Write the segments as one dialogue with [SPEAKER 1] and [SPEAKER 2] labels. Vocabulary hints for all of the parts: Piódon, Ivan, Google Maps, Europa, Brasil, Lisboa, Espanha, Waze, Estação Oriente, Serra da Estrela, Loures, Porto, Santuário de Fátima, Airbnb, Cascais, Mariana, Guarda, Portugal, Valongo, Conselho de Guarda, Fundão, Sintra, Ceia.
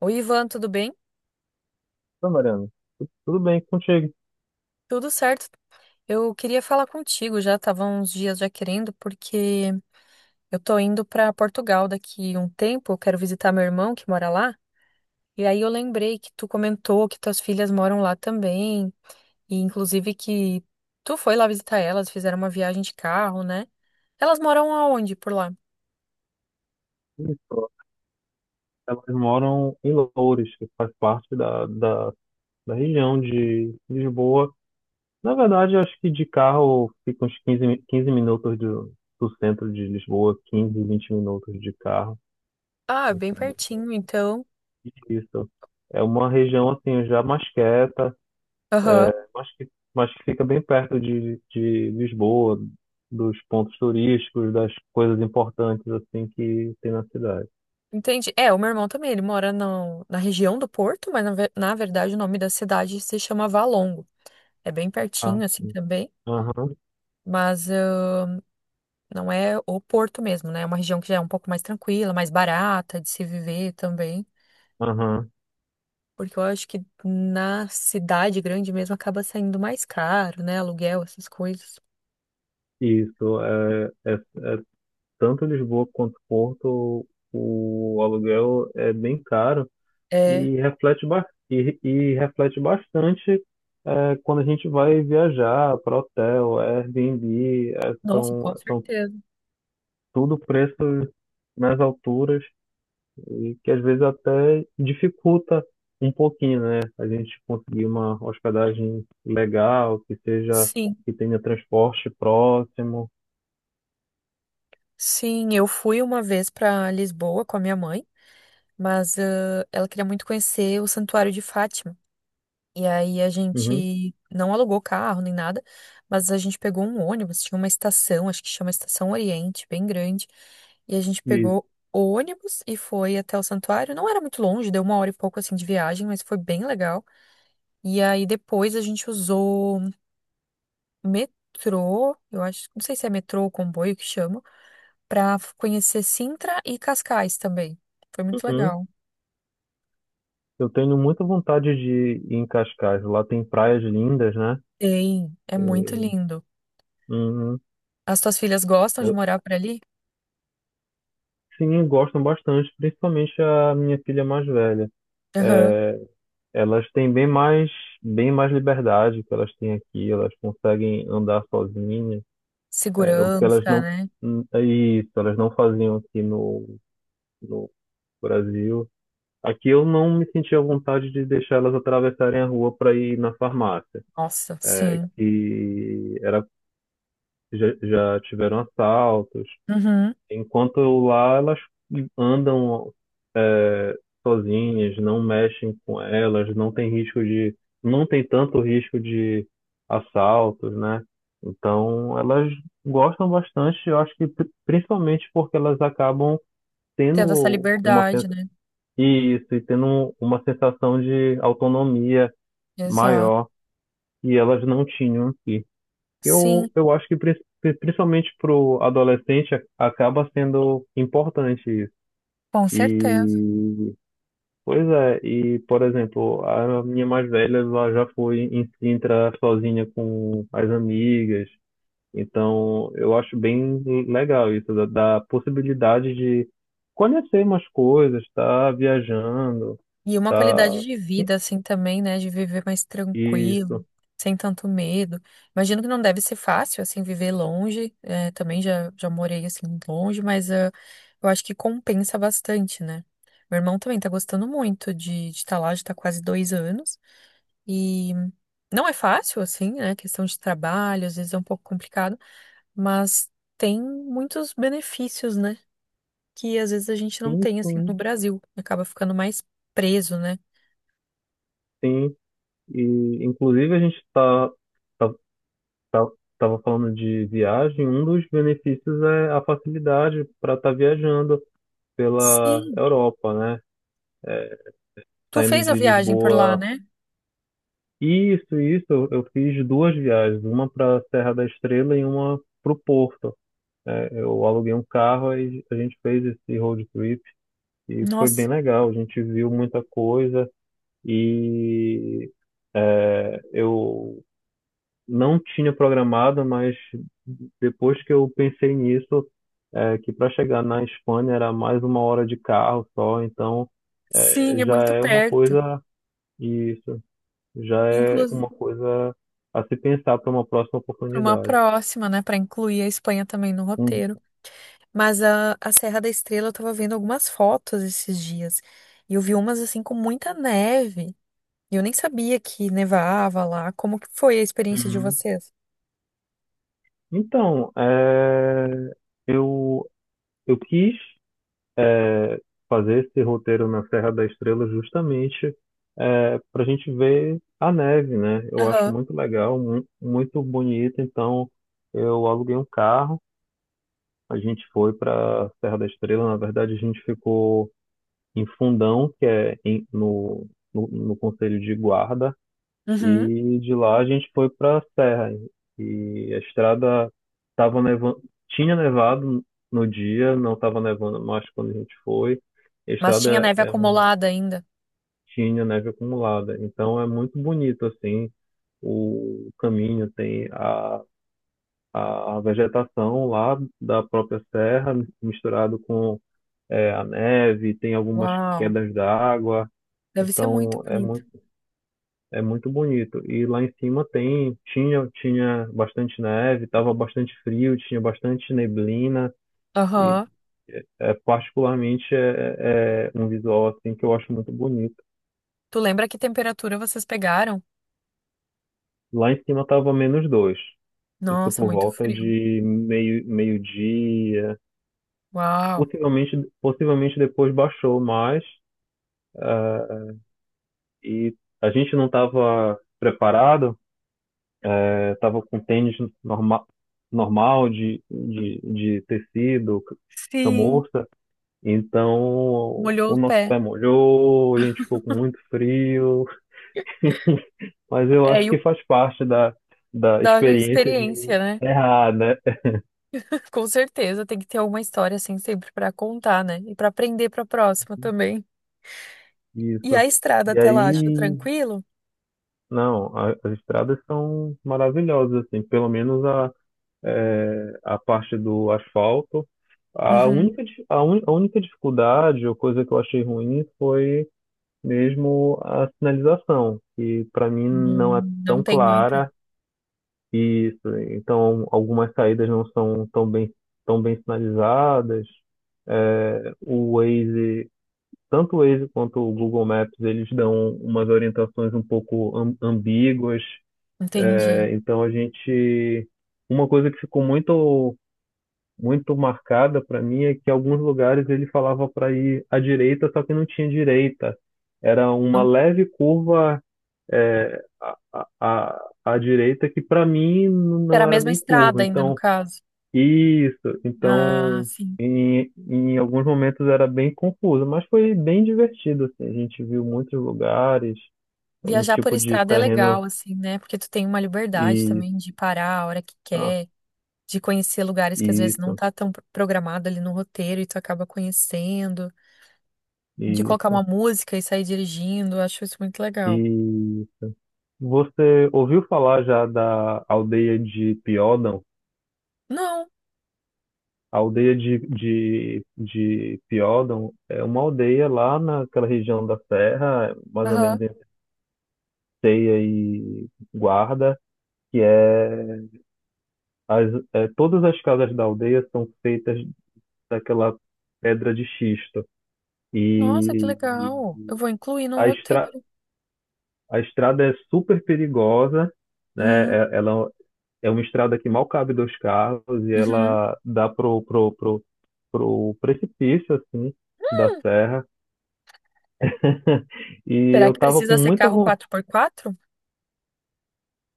[SPEAKER 1] Oi, Ivan, tudo bem?
[SPEAKER 2] Oi, Mariana. Tudo bem contigo?
[SPEAKER 1] Tudo certo. Eu queria falar contigo, já estava uns dias já querendo, porque eu tô indo para Portugal daqui um tempo, eu quero visitar meu irmão que mora lá. E aí eu lembrei que tu comentou que tuas filhas moram lá também, e inclusive que tu foi lá visitar elas, fizeram uma viagem de carro, né? Elas moram aonde por lá?
[SPEAKER 2] Isso. Elas moram em Loures, que faz parte da região de Lisboa. Na verdade, acho que de carro fica uns 15, 15 minutos do centro de Lisboa, 15, 20 minutos de carro.
[SPEAKER 1] Ah, é bem
[SPEAKER 2] Então,
[SPEAKER 1] pertinho, então.
[SPEAKER 2] isso. É uma região assim já mais quieta,
[SPEAKER 1] Aham.
[SPEAKER 2] mas que fica bem perto de Lisboa, dos pontos turísticos, das coisas importantes assim que tem na cidade.
[SPEAKER 1] Entendi. É, o meu irmão também, ele mora na região do Porto, mas na, na verdade o nome da cidade se chama Valongo. É bem
[SPEAKER 2] Ah,
[SPEAKER 1] pertinho, assim,
[SPEAKER 2] sim.
[SPEAKER 1] também.
[SPEAKER 2] Aham,
[SPEAKER 1] Mas não é o Porto mesmo, né? É uma região que já é um pouco mais tranquila, mais barata de se viver também.
[SPEAKER 2] aham.
[SPEAKER 1] Porque eu acho que na cidade grande mesmo acaba saindo mais caro, né? Aluguel, essas coisas.
[SPEAKER 2] Isso, é tanto Lisboa quanto Porto, o aluguel é bem caro
[SPEAKER 1] É.
[SPEAKER 2] e e reflete bastante, quando a gente vai viajar para hotel, Airbnb,
[SPEAKER 1] Nossa, com
[SPEAKER 2] são, são
[SPEAKER 1] certeza.
[SPEAKER 2] tudo preços nas alturas e que às vezes até dificulta um pouquinho, né? A gente conseguir uma hospedagem legal,
[SPEAKER 1] Sim,
[SPEAKER 2] que tenha transporte próximo.
[SPEAKER 1] sim. Eu fui uma vez para Lisboa com a minha mãe, mas ela queria muito conhecer o Santuário de Fátima. E aí a
[SPEAKER 2] Uhum,
[SPEAKER 1] gente não alugou carro nem nada, mas a gente pegou um ônibus, tinha uma estação, acho que chama Estação Oriente, bem grande. E a gente
[SPEAKER 2] isso.
[SPEAKER 1] pegou o ônibus e foi até o santuário. Não era muito longe, deu uma hora e pouco assim de viagem, mas foi bem legal. E aí depois a gente usou metrô, eu acho, não sei se é metrô ou comboio que chama, pra conhecer Sintra e Cascais também. Foi muito
[SPEAKER 2] Uhum.
[SPEAKER 1] legal.
[SPEAKER 2] Eu tenho muita vontade de ir em Cascais. Lá tem praias lindas, né?
[SPEAKER 1] Tem, é muito
[SPEAKER 2] E-
[SPEAKER 1] lindo.
[SPEAKER 2] Uhum.
[SPEAKER 1] As tuas filhas gostam de
[SPEAKER 2] Eu-
[SPEAKER 1] morar por ali?
[SPEAKER 2] sim, gostam bastante, principalmente a minha filha mais velha.
[SPEAKER 1] Aham.
[SPEAKER 2] É, elas têm bem mais, Bem mais liberdade que elas têm aqui. Elas conseguem andar sozinhas. É, o que elas
[SPEAKER 1] Segurança,
[SPEAKER 2] não,
[SPEAKER 1] né?
[SPEAKER 2] é isso, Elas não faziam aqui no Brasil. Aqui eu não me sentia à vontade de deixar elas atravessarem a rua para ir na farmácia,
[SPEAKER 1] Nossa,
[SPEAKER 2] é,
[SPEAKER 1] sim.
[SPEAKER 2] que era já, já tiveram assaltos.
[SPEAKER 1] Uhum.
[SPEAKER 2] Enquanto lá elas andam, é, sozinhas, não mexem com elas, não tem tanto risco de assaltos, né? Então elas gostam bastante, eu acho que principalmente porque elas acabam
[SPEAKER 1] Tendo essa
[SPEAKER 2] tendo uma sen-
[SPEAKER 1] liberdade, né?
[SPEAKER 2] isso, e tendo uma sensação de autonomia
[SPEAKER 1] Exato.
[SPEAKER 2] maior que elas não tinham aqui. Eu,
[SPEAKER 1] Sim,
[SPEAKER 2] eu acho que principalmente para o adolescente acaba sendo importante isso.
[SPEAKER 1] com certeza.
[SPEAKER 2] E, pois é, e por exemplo, a minha mais velha ela já foi em Sintra sozinha com as amigas. Então, eu acho bem legal isso, da possibilidade de conhecer umas coisas, estar viajando,
[SPEAKER 1] E uma qualidade
[SPEAKER 2] tá,
[SPEAKER 1] de vida, assim, também, né? De viver mais tranquilo,
[SPEAKER 2] isso,
[SPEAKER 1] sem tanto medo. Imagino que não deve ser fácil, assim, viver longe. É, também já, já morei, assim, longe, mas eu acho que compensa bastante, né? Meu irmão também tá gostando muito de estar lá, já tá quase 2 anos. E não é fácil, assim, né? Questão de trabalho, às vezes é um pouco complicado. Mas tem muitos benefícios, né? Que às vezes a gente não
[SPEAKER 2] sim,
[SPEAKER 1] tem, assim,
[SPEAKER 2] sim,
[SPEAKER 1] no Brasil. Acaba ficando mais preso, né?
[SPEAKER 2] sim. E, inclusive, a gente está estava falando de viagem, um dos benefícios é a facilidade para estar viajando pela
[SPEAKER 1] Sim,
[SPEAKER 2] Europa, né?
[SPEAKER 1] tu
[SPEAKER 2] Saindo
[SPEAKER 1] fez a
[SPEAKER 2] de
[SPEAKER 1] viagem por lá,
[SPEAKER 2] Lisboa.
[SPEAKER 1] né?
[SPEAKER 2] Isso, eu fiz duas viagens, uma para a Serra da Estrela e uma para o Porto. É, eu aluguei um carro e a gente fez esse road trip e foi
[SPEAKER 1] Nossa,
[SPEAKER 2] bem legal. A gente viu muita coisa e, eu não tinha programado, mas depois que eu pensei nisso, que para chegar na Espanha era mais uma hora de carro só, então é,
[SPEAKER 1] sim, é
[SPEAKER 2] já
[SPEAKER 1] muito
[SPEAKER 2] é uma
[SPEAKER 1] perto.
[SPEAKER 2] coisa, isso, já é
[SPEAKER 1] Inclusive,
[SPEAKER 2] uma coisa a se pensar para uma próxima
[SPEAKER 1] para uma
[SPEAKER 2] oportunidade.
[SPEAKER 1] próxima, né? Para incluir a Espanha também no
[SPEAKER 2] Uhum.
[SPEAKER 1] roteiro. Mas a Serra da Estrela, eu tava vendo algumas fotos esses dias. E eu vi umas, assim, com muita neve. E eu nem sabia que nevava lá. Como que foi a experiência de vocês?
[SPEAKER 2] Então, é, eu, eu quis, é, fazer esse roteiro na Serra da Estrela justamente, para a gente ver a neve, né? Eu acho
[SPEAKER 1] Aham.
[SPEAKER 2] muito legal, muito bonito. Então, eu aluguei um carro, a gente foi para a Serra da Estrela. Na verdade, a gente ficou em Fundão, que é no Conselho de Guarda.
[SPEAKER 1] Uhum.
[SPEAKER 2] E de lá a gente foi para a serra. E a estrada, tava nevando, tinha nevado no dia, não estava nevando mais quando a gente foi. A
[SPEAKER 1] Mas tinha
[SPEAKER 2] estrada
[SPEAKER 1] neve acumulada ainda.
[SPEAKER 2] tinha neve acumulada, então é muito bonito assim o caminho, tem a vegetação lá da própria serra misturado com, a neve, tem algumas
[SPEAKER 1] Uau,
[SPEAKER 2] quedas d'água,
[SPEAKER 1] deve ser muito
[SPEAKER 2] então
[SPEAKER 1] bonito.
[SPEAKER 2] é muito bonito. E lá em cima tinha bastante neve, estava bastante frio, tinha bastante neblina e,
[SPEAKER 1] Aham.
[SPEAKER 2] particularmente é um visual assim que eu acho muito bonito.
[SPEAKER 1] Tu lembra que temperatura vocês pegaram?
[SPEAKER 2] Lá em cima estava menos dois. Isso
[SPEAKER 1] Nossa,
[SPEAKER 2] por
[SPEAKER 1] muito
[SPEAKER 2] volta
[SPEAKER 1] frio.
[SPEAKER 2] de meio-dia.
[SPEAKER 1] Uau.
[SPEAKER 2] Possivelmente depois baixou mais, ah, e a gente não estava preparado. Eu tava com tênis norma, normal de tecido,
[SPEAKER 1] Sim,
[SPEAKER 2] camurça. Então,
[SPEAKER 1] molhou
[SPEAKER 2] o
[SPEAKER 1] o
[SPEAKER 2] nosso
[SPEAKER 1] pé.
[SPEAKER 2] pé molhou, a gente ficou com muito frio. Mas eu
[SPEAKER 1] É,
[SPEAKER 2] acho
[SPEAKER 1] e o
[SPEAKER 2] que faz parte da
[SPEAKER 1] da
[SPEAKER 2] experiência de
[SPEAKER 1] experiência, né?
[SPEAKER 2] errar, né?
[SPEAKER 1] Com certeza tem que ter alguma história assim sempre pra contar, né? E pra aprender pra próxima também. E a
[SPEAKER 2] Isso.
[SPEAKER 1] estrada
[SPEAKER 2] E
[SPEAKER 1] até lá, achou
[SPEAKER 2] aí,
[SPEAKER 1] tranquilo?
[SPEAKER 2] não, as estradas são maravilhosas, assim, pelo menos é, a parte do asfalto.
[SPEAKER 1] Uhum.
[SPEAKER 2] A única dificuldade ou coisa que eu achei ruim foi mesmo a sinalização, que para mim não é
[SPEAKER 1] Não
[SPEAKER 2] tão
[SPEAKER 1] tem muita.
[SPEAKER 2] clara e isso, então algumas saídas não são tão bem sinalizadas. É, o Waze, Tanto o Waze quanto o Google Maps, eles dão umas orientações um pouco ambíguas. É,
[SPEAKER 1] Entendi.
[SPEAKER 2] então a gente, uma coisa que ficou muito marcada para mim é que em alguns lugares ele falava para ir à direita, só que não tinha direita. Era uma
[SPEAKER 1] Não
[SPEAKER 2] leve curva, a direita, que para mim
[SPEAKER 1] era a
[SPEAKER 2] não era
[SPEAKER 1] mesma
[SPEAKER 2] nem curva.
[SPEAKER 1] estrada ainda no
[SPEAKER 2] Então,
[SPEAKER 1] caso.
[SPEAKER 2] isso.
[SPEAKER 1] Ah,
[SPEAKER 2] Então,
[SPEAKER 1] sim.
[SPEAKER 2] em alguns momentos era bem confuso, mas foi bem divertido, assim. A gente viu muitos lugares, um
[SPEAKER 1] Viajar por
[SPEAKER 2] tipo de
[SPEAKER 1] estrada é
[SPEAKER 2] terreno
[SPEAKER 1] legal, assim, né? Porque tu tem uma liberdade
[SPEAKER 2] e,
[SPEAKER 1] também de parar a hora que
[SPEAKER 2] ah,
[SPEAKER 1] quer, de conhecer lugares que às vezes não
[SPEAKER 2] isso,
[SPEAKER 1] tá tão programado ali no roteiro e tu acaba conhecendo, de colocar uma
[SPEAKER 2] isso.
[SPEAKER 1] música e sair dirigindo, eu acho isso muito legal.
[SPEAKER 2] E você ouviu falar já da aldeia de Piódon?
[SPEAKER 1] Não,
[SPEAKER 2] A aldeia de, Piódon é uma aldeia lá naquela região da serra, mais ou
[SPEAKER 1] aham.
[SPEAKER 2] menos entre Ceia e Guarda, que é, as, é todas as casas da aldeia são feitas daquela pedra de xisto.
[SPEAKER 1] Nossa, que
[SPEAKER 2] E
[SPEAKER 1] legal. Eu vou incluir no
[SPEAKER 2] a, estra,
[SPEAKER 1] roteiro.
[SPEAKER 2] a estrada é super perigosa, né?
[SPEAKER 1] Hum,
[SPEAKER 2] Ela é uma estrada que mal cabe dois carros e
[SPEAKER 1] uhum.
[SPEAKER 2] ela dá pro precipício, assim, da serra. E
[SPEAKER 1] Será
[SPEAKER 2] eu
[SPEAKER 1] que
[SPEAKER 2] tava com
[SPEAKER 1] precisa ser
[SPEAKER 2] muita
[SPEAKER 1] carro
[SPEAKER 2] vontade.
[SPEAKER 1] quatro por quatro?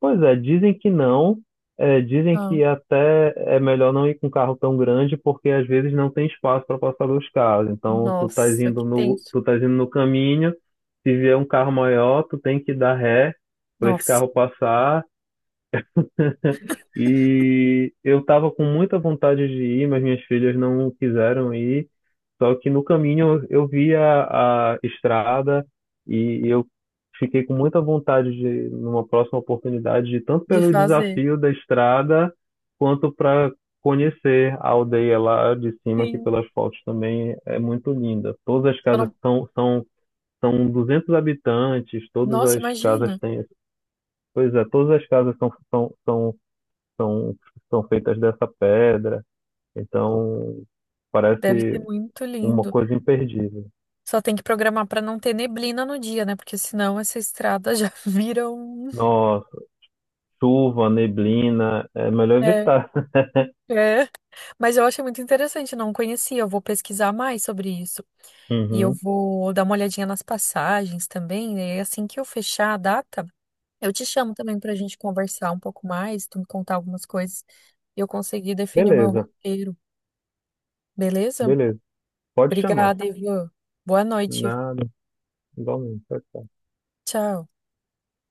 [SPEAKER 2] Pois é, dizem que não. É, dizem
[SPEAKER 1] Ah,
[SPEAKER 2] que até é melhor não ir com um carro tão grande, porque às vezes não tem espaço para passar dois carros. Então,
[SPEAKER 1] nossa, que tenso.
[SPEAKER 2] tu estás indo no caminho, se vier um carro maior, tu tem que dar ré para esse
[SPEAKER 1] Nossa,
[SPEAKER 2] carro passar. E eu tava com muita vontade de ir, mas minhas filhas não quiseram ir. Só que no caminho eu vi a estrada e eu fiquei com muita vontade de, numa próxima oportunidade, de tanto
[SPEAKER 1] de
[SPEAKER 2] pelo
[SPEAKER 1] fazer.
[SPEAKER 2] desafio da estrada, quanto para conhecer a aldeia lá de cima, que
[SPEAKER 1] Sim.
[SPEAKER 2] pelas fotos também é muito linda. Todas as
[SPEAKER 1] Eu
[SPEAKER 2] casas
[SPEAKER 1] não...
[SPEAKER 2] são 200 habitantes, todas
[SPEAKER 1] Nossa,
[SPEAKER 2] as casas
[SPEAKER 1] imagina.
[SPEAKER 2] têm. Pois é, todas as casas são, são feitas dessa pedra. Então,
[SPEAKER 1] Deve ser
[SPEAKER 2] parece
[SPEAKER 1] muito
[SPEAKER 2] uma
[SPEAKER 1] lindo.
[SPEAKER 2] coisa imperdível.
[SPEAKER 1] Só tem que programar pra não ter neblina no dia, né? Porque senão essa estrada já vira um.
[SPEAKER 2] Nossa, chuva, neblina, é melhor
[SPEAKER 1] É,
[SPEAKER 2] evitar.
[SPEAKER 1] é. Mas eu achei muito interessante, não conhecia. Eu vou pesquisar mais sobre isso. E eu
[SPEAKER 2] Uhum.
[SPEAKER 1] vou dar uma olhadinha nas passagens também, né? E assim que eu fechar a data, eu te chamo também pra gente conversar um pouco mais, tu me contar algumas coisas e eu conseguir definir o meu
[SPEAKER 2] Beleza,
[SPEAKER 1] roteiro, beleza?
[SPEAKER 2] beleza. Pode chamar.
[SPEAKER 1] Obrigada, Ivan. Boa noite.
[SPEAKER 2] Nada, igualmente. Pode
[SPEAKER 1] Tchau.